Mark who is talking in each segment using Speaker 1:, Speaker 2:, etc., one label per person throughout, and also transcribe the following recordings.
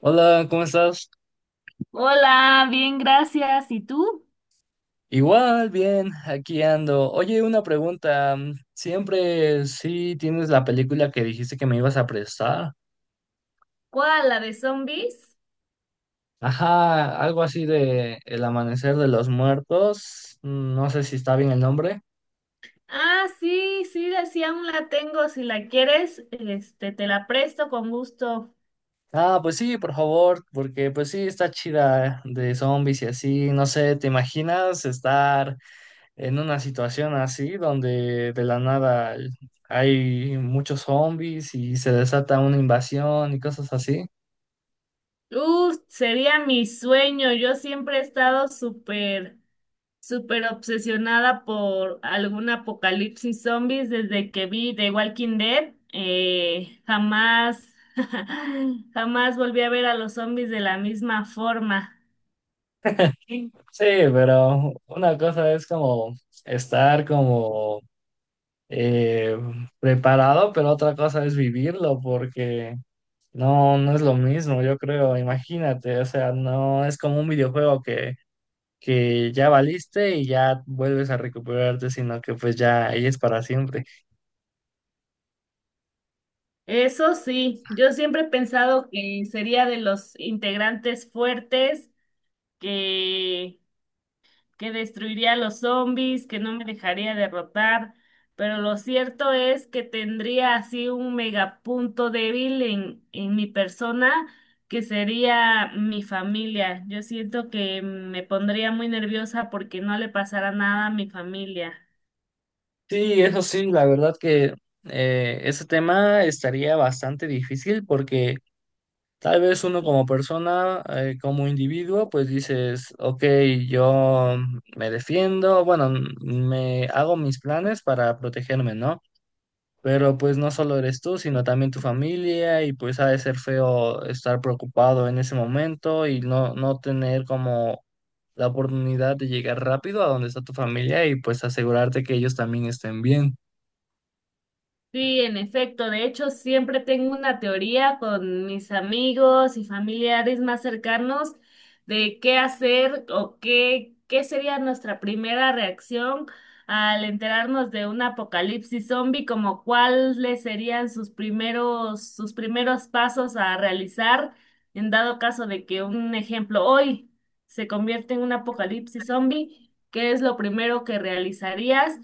Speaker 1: Hola, ¿cómo estás?
Speaker 2: Hola, bien, gracias. ¿Y tú?
Speaker 1: Igual, bien, aquí ando. Oye, una pregunta. ¿Siempre sí tienes la película que dijiste que me ibas a prestar?
Speaker 2: ¿Cuál? ¿La de zombies?
Speaker 1: Ajá, algo así de El Amanecer de los Muertos. No sé si está bien el nombre.
Speaker 2: Ah, sí, sí, sí, aún la tengo. Si la quieres, este, te la presto con gusto.
Speaker 1: Ah, pues sí, por favor, porque pues sí, está chida de zombies y así. No sé, ¿te imaginas estar en una situación así donde de la nada hay muchos zombies y se desata una invasión y cosas así?
Speaker 2: Sería mi sueño. Yo siempre he estado súper, súper obsesionada por algún apocalipsis zombies desde que vi The Walking Dead. Jamás, jamás volví a ver a los zombies de la misma forma.
Speaker 1: Sí, pero una cosa es como estar como eh, preparado, pero otra cosa es vivirlo, porque no es lo mismo, yo creo, imagínate, o sea, no es como un videojuego que ya valiste y ya vuelves a recuperarte, sino que pues ya ahí es para siempre.
Speaker 2: Eso sí, yo siempre he pensado que sería de los integrantes fuertes, que, que destruiría a los zombies, que no me dejaría derrotar, pero lo cierto es que tendría así un megapunto débil en mi persona, que sería mi familia. Yo siento que me pondría muy nerviosa porque no le pasara nada a mi familia.
Speaker 1: Sí, eso sí, la verdad que ese tema estaría bastante difícil porque... Tal vez uno como persona, como individuo, pues dices, ok, yo me defiendo, bueno, me hago mis planes para protegerme, ¿no? Pero pues no solo eres tú, sino también tu familia y pues ha de ser feo estar preocupado en ese momento y no tener como la oportunidad de llegar rápido a donde está tu familia y pues asegurarte que ellos también estén bien.
Speaker 2: Sí, en efecto. De hecho, siempre tengo una teoría con mis amigos y familiares más cercanos de qué hacer o qué sería nuestra primera reacción al enterarnos de un apocalipsis zombie, como cuáles serían sus primeros pasos a realizar en dado caso de que un ejemplo hoy se convierte en un apocalipsis zombie. ¿Qué es lo primero que realizarías?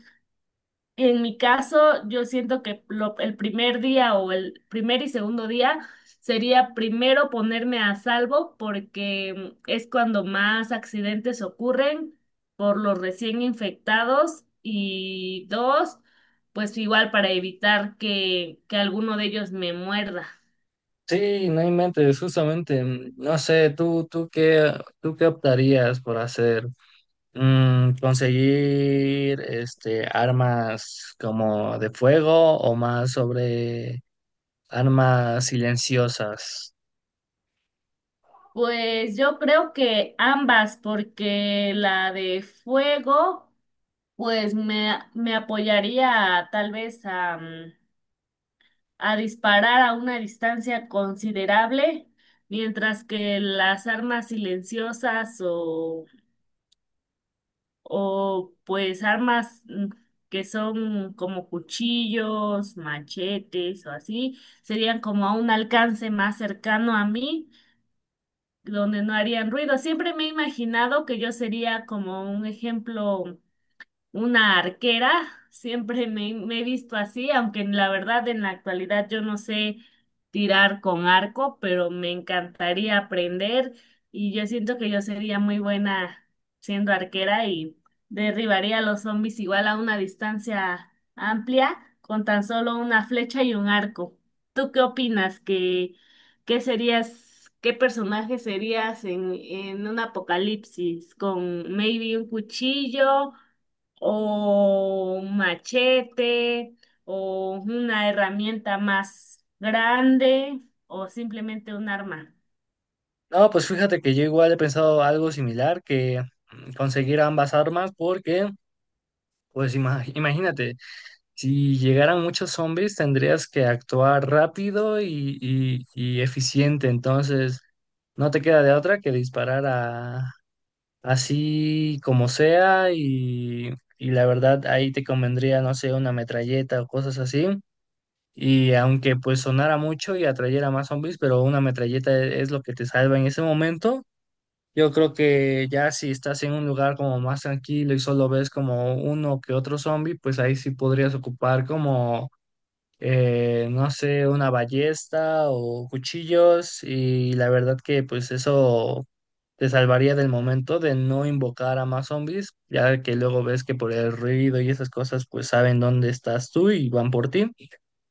Speaker 2: En mi caso, yo siento que el primer día o el primer y segundo día sería primero ponerme a salvo porque es cuando más accidentes ocurren por los recién infectados y dos, pues igual para evitar que alguno de ellos me muerda.
Speaker 1: Sí, no inventes, justamente, no sé, tú qué optarías por hacer. Conseguir este armas como de fuego o más sobre armas silenciosas.
Speaker 2: Pues yo creo que ambas, porque la de fuego, pues me apoyaría tal vez a... a disparar a una distancia considerable, mientras que las armas silenciosas o pues armas que son como cuchillos, machetes o así, serían como a un alcance más cercano a mí, donde no harían ruido. Siempre me he imaginado que yo sería como un ejemplo una arquera, siempre me he visto así, aunque en la verdad en la actualidad yo no sé tirar con arco, pero me encantaría aprender y yo siento que yo sería muy buena siendo arquera y derribaría a los zombies igual a una distancia amplia con tan solo una flecha y un arco. ¿Tú qué opinas? ¿Qué, qué serías, qué personaje serías en un apocalipsis? ¿Con maybe un cuchillo? O un machete o una herramienta más grande o simplemente un arma.
Speaker 1: No, pues fíjate que yo igual he pensado algo similar que conseguir ambas armas porque, pues imagínate, si llegaran muchos zombies tendrías que actuar rápido y eficiente, entonces no te queda de otra que disparar a así como sea y la verdad ahí te convendría, no sé, una metralleta o cosas así. Y aunque pues sonara mucho y atrayera más zombies, pero una metralleta es lo que te salva en ese momento. Yo creo que ya si estás en un lugar como más tranquilo y solo ves como uno que otro zombie, pues ahí sí podrías ocupar como no sé, una ballesta o cuchillos y la verdad que pues eso te salvaría del momento de no invocar a más zombies, ya que luego ves que por el ruido y esas cosas pues saben dónde estás tú y van por ti.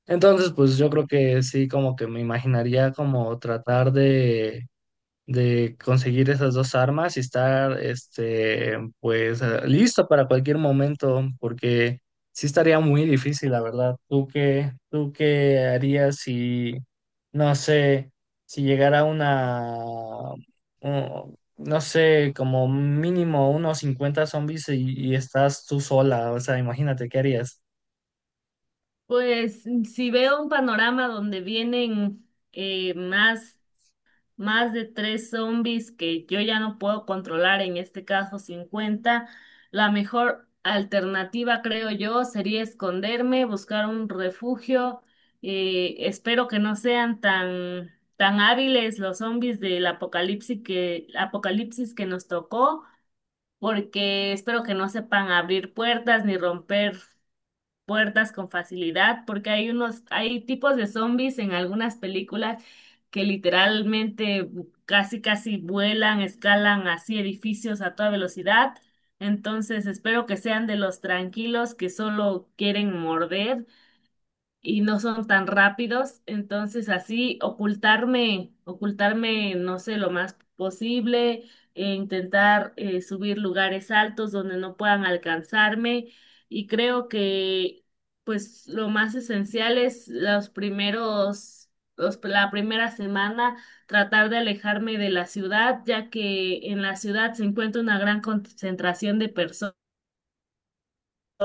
Speaker 1: Entonces pues yo creo que sí como que me imaginaría como tratar de conseguir esas dos armas y estar, este, pues, listo para cualquier momento, porque sí estaría muy difícil, la verdad. ¿Tú qué harías si, no sé, si llegara una, no sé, como mínimo unos 50 zombies y estás tú sola? O sea, imagínate, ¿qué harías?
Speaker 2: Pues si veo un panorama donde vienen más más de tres zombies que yo ya no puedo controlar, en este caso 50, la mejor alternativa, creo yo, sería esconderme, buscar un refugio. Espero que no sean tan, tan hábiles los zombies del apocalipsis apocalipsis que nos tocó, porque espero que no sepan abrir puertas ni romper puertas con facilidad, porque hay unos, hay tipos de zombies en algunas películas que literalmente casi casi vuelan, escalan así edificios a toda velocidad. Entonces espero que sean de los tranquilos que solo quieren morder y no son tan rápidos, entonces así ocultarme, ocultarme, no sé, lo más posible, e intentar subir lugares altos donde no puedan alcanzarme y creo que pues lo más esencial es los primeros, la primera semana tratar de alejarme de la ciudad, ya que en la ciudad se encuentra una gran concentración de personas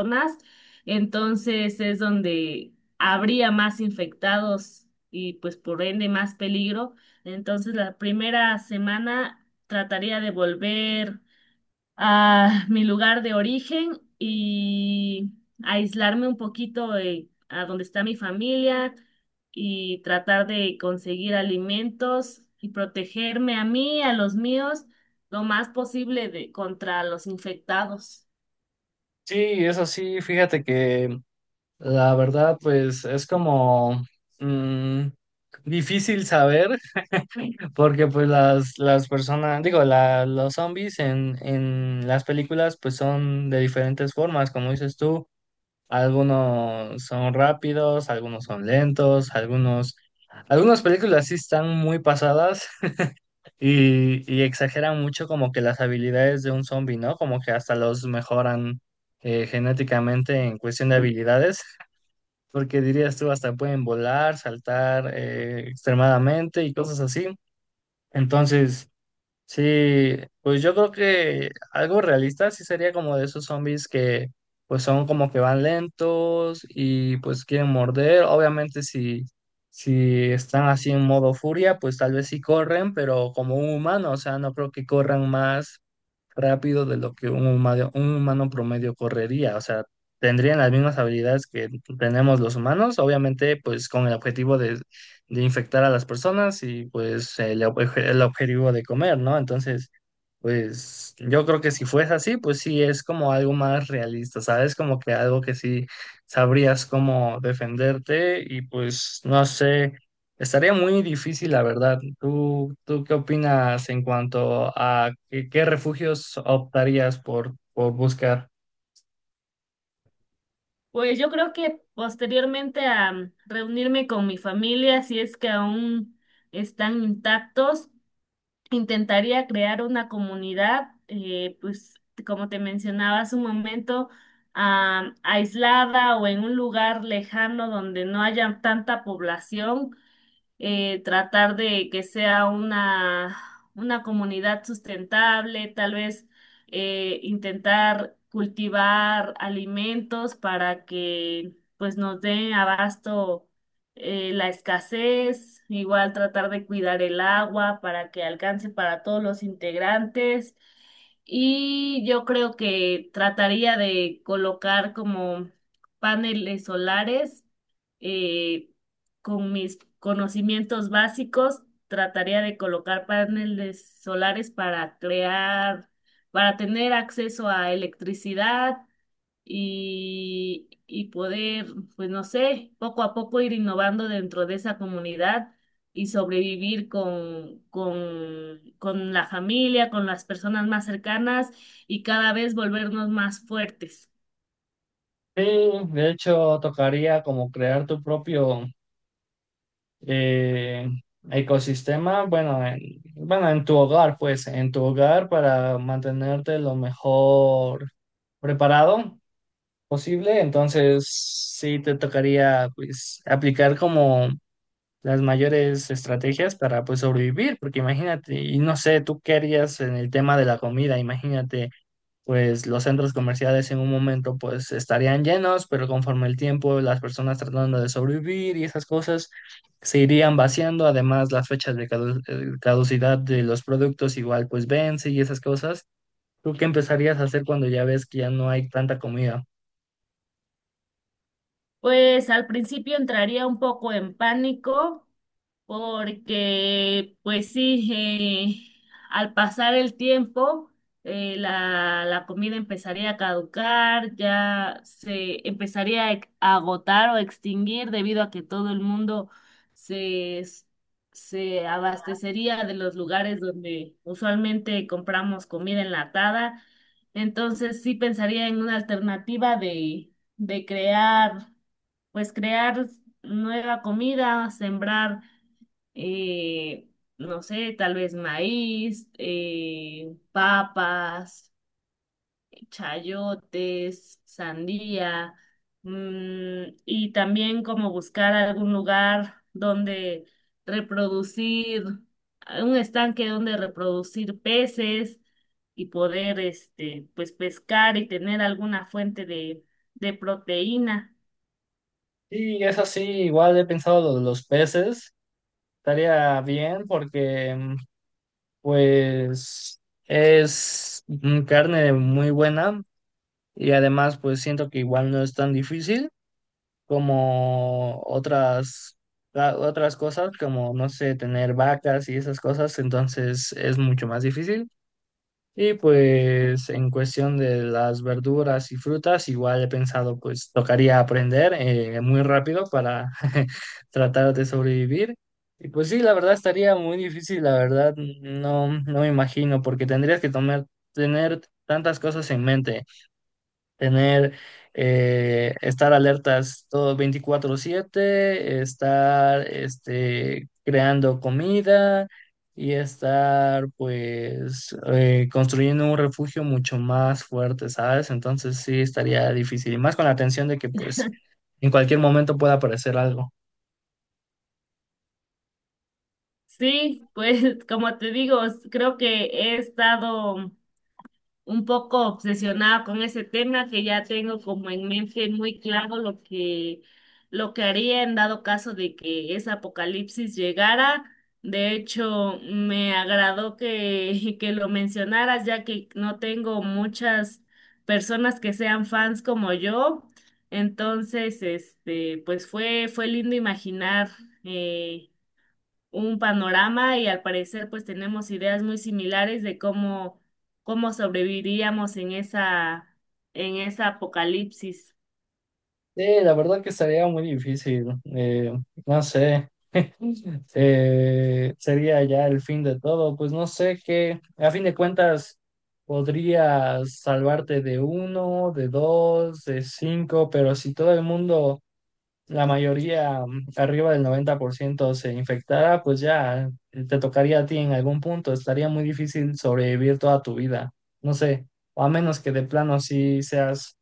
Speaker 2: más, entonces es donde habría más infectados y pues por ende más peligro. Entonces la primera semana trataría de volver a mi lugar de origen y aislarme un poquito a donde está mi familia y tratar de conseguir alimentos y protegerme a mí, a los míos, lo más posible contra los infectados.
Speaker 1: Sí, eso sí, fíjate que la verdad, pues, es como... mm, difícil saber, porque pues las personas, digo, los zombies en las películas pues son de diferentes formas, como dices tú, algunos son rápidos, algunos son lentos, algunas películas sí están muy pasadas y exageran mucho como que las habilidades de un zombie, ¿no? Como que hasta los mejoran genéticamente en cuestión de habilidades, porque dirías tú, hasta pueden volar, saltar extremadamente y cosas así. Entonces... Sí, pues yo creo que algo realista sí sería como de esos zombies que pues son como que van lentos y pues quieren morder. Obviamente si están así en modo furia, pues tal vez sí corren, pero como un humano, o sea, no creo que corran más rápido de lo que un humano promedio correría. O sea, tendrían las mismas habilidades que tenemos los humanos, obviamente, pues con el objetivo de infectar a las personas y pues el objetivo de comer, ¿no? Entonces, pues yo creo que si fuese así, pues sí es como algo más realista, ¿sabes? Como que algo que sí sabrías cómo defenderte y pues no sé, estaría muy difícil, la verdad. ¿Tú qué opinas en cuanto a qué refugios optarías por buscar?
Speaker 2: Pues yo creo que posteriormente a reunirme con mi familia, si es que aún están intactos, intentaría crear una comunidad, pues como te mencionaba hace un momento, ah, aislada o en un lugar lejano donde no haya tanta población tratar de que sea una comunidad sustentable, tal vez intentar cultivar alimentos para que pues nos den abasto la escasez, igual tratar de cuidar el agua para que alcance para todos los integrantes. Y yo creo que trataría de colocar como paneles solares eh, con mis conocimientos básicos, trataría de colocar paneles solares para crear, para tener acceso a electricidad y poder, pues no sé, poco a poco ir innovando dentro de esa comunidad y sobrevivir con la familia, con las personas más cercanas y cada vez volvernos más fuertes.
Speaker 1: Sí, de hecho tocaría como crear tu propio eh, ecosistema, bueno, en, bueno, en tu hogar, pues, en tu hogar para mantenerte lo mejor preparado posible. Entonces, sí te tocaría, pues, aplicar como las mayores estrategias para, pues, sobrevivir, porque imagínate, y no sé, tú qué harías en el tema de la comida, imagínate pues los centros comerciales en un momento pues estarían llenos, pero conforme el tiempo, las personas tratando de sobrevivir y esas cosas se irían vaciando, además las fechas de caducidad de los productos igual pues vence y esas cosas. ¿Tú qué empezarías a hacer cuando ya ves que ya no hay tanta comida?
Speaker 2: Pues al principio entraría un poco en pánico porque, pues sí, al pasar el tiempo, la comida empezaría a caducar, ya se empezaría a a agotar o extinguir debido a que todo el mundo se, se abastecería de los lugares donde usualmente compramos comida enlatada. Entonces sí pensaría en una alternativa de crear, pues crear nueva comida, sembrar, eh, no sé, tal vez maíz, papas, chayotes, sandía, mm, y también como buscar algún lugar donde reproducir, un estanque donde reproducir peces y poder, este, pues pescar y tener alguna fuente de proteína.
Speaker 1: Y es así, igual he pensado lo de los peces, estaría bien porque pues es carne muy buena y además pues siento que igual no es tan difícil, como otras cosas, como, no sé, tener vacas y esas cosas, entonces es mucho más difícil. Y pues en cuestión de las verduras y frutas, igual he pensado, pues tocaría aprender muy rápido para tratar de sobrevivir. Y pues sí, la verdad estaría muy difícil, la verdad, no me imagino, porque tener tantas cosas en mente, tener, estar alertas todo 24/7, estar este, creando comida y estar pues construyendo un refugio mucho más fuerte, ¿sabes? Entonces sí estaría difícil y más con la tensión de que pues en cualquier momento pueda aparecer algo.
Speaker 2: Sí, pues como te digo, creo que he estado un poco obsesionada con ese tema, que ya tengo como en mente muy claro lo lo que haría en dado caso de que ese apocalipsis llegara. De hecho, me agradó que lo mencionaras, ya que no tengo muchas personas que sean fans como yo. Entonces, este, pues fue lindo imaginar. Eh, un panorama y al parecer pues tenemos ideas muy similares de cómo, cómo sobreviviríamos en esa apocalipsis.
Speaker 1: Sí, la verdad que estaría muy difícil. No sé. Sería ya el fin de todo. Pues no sé qué, a fin de cuentas, podrías salvarte de uno, de dos, de cinco, pero si todo el mundo, la mayoría arriba del 90% se infectara, pues ya te tocaría a ti en algún punto. Estaría muy difícil sobrevivir toda tu vida. No sé, o a menos que de plano sí seas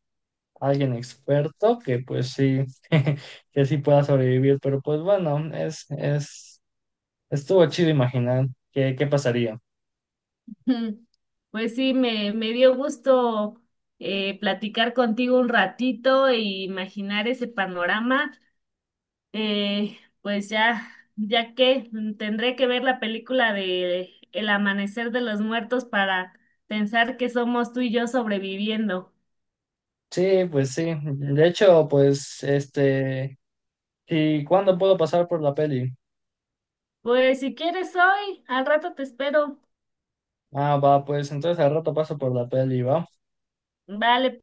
Speaker 1: alguien experto, que pues sí, que sí pueda sobrevivir, pero pues bueno, es Estuvo chido imaginar qué pasaría.
Speaker 2: Ujú. Pues sí, me dio gusto platicar contigo un ratito e imaginar ese panorama. Pues ya, ya que tendré que ver la película de El amanecer de los muertos para pensar que somos tú y yo sobreviviendo.
Speaker 1: Sí, pues sí. De hecho, pues, este, ¿y cuándo puedo pasar por la peli?
Speaker 2: Pues si quieres hoy, al rato te espero.
Speaker 1: Ah, va, pues entonces al rato paso por la peli, va.
Speaker 2: Vale,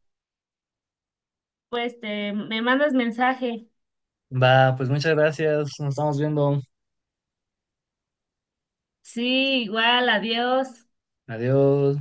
Speaker 2: pues te me mandas mensaje.
Speaker 1: Va, pues muchas gracias. Nos estamos viendo.
Speaker 2: Sí, igual, adiós.
Speaker 1: Adiós.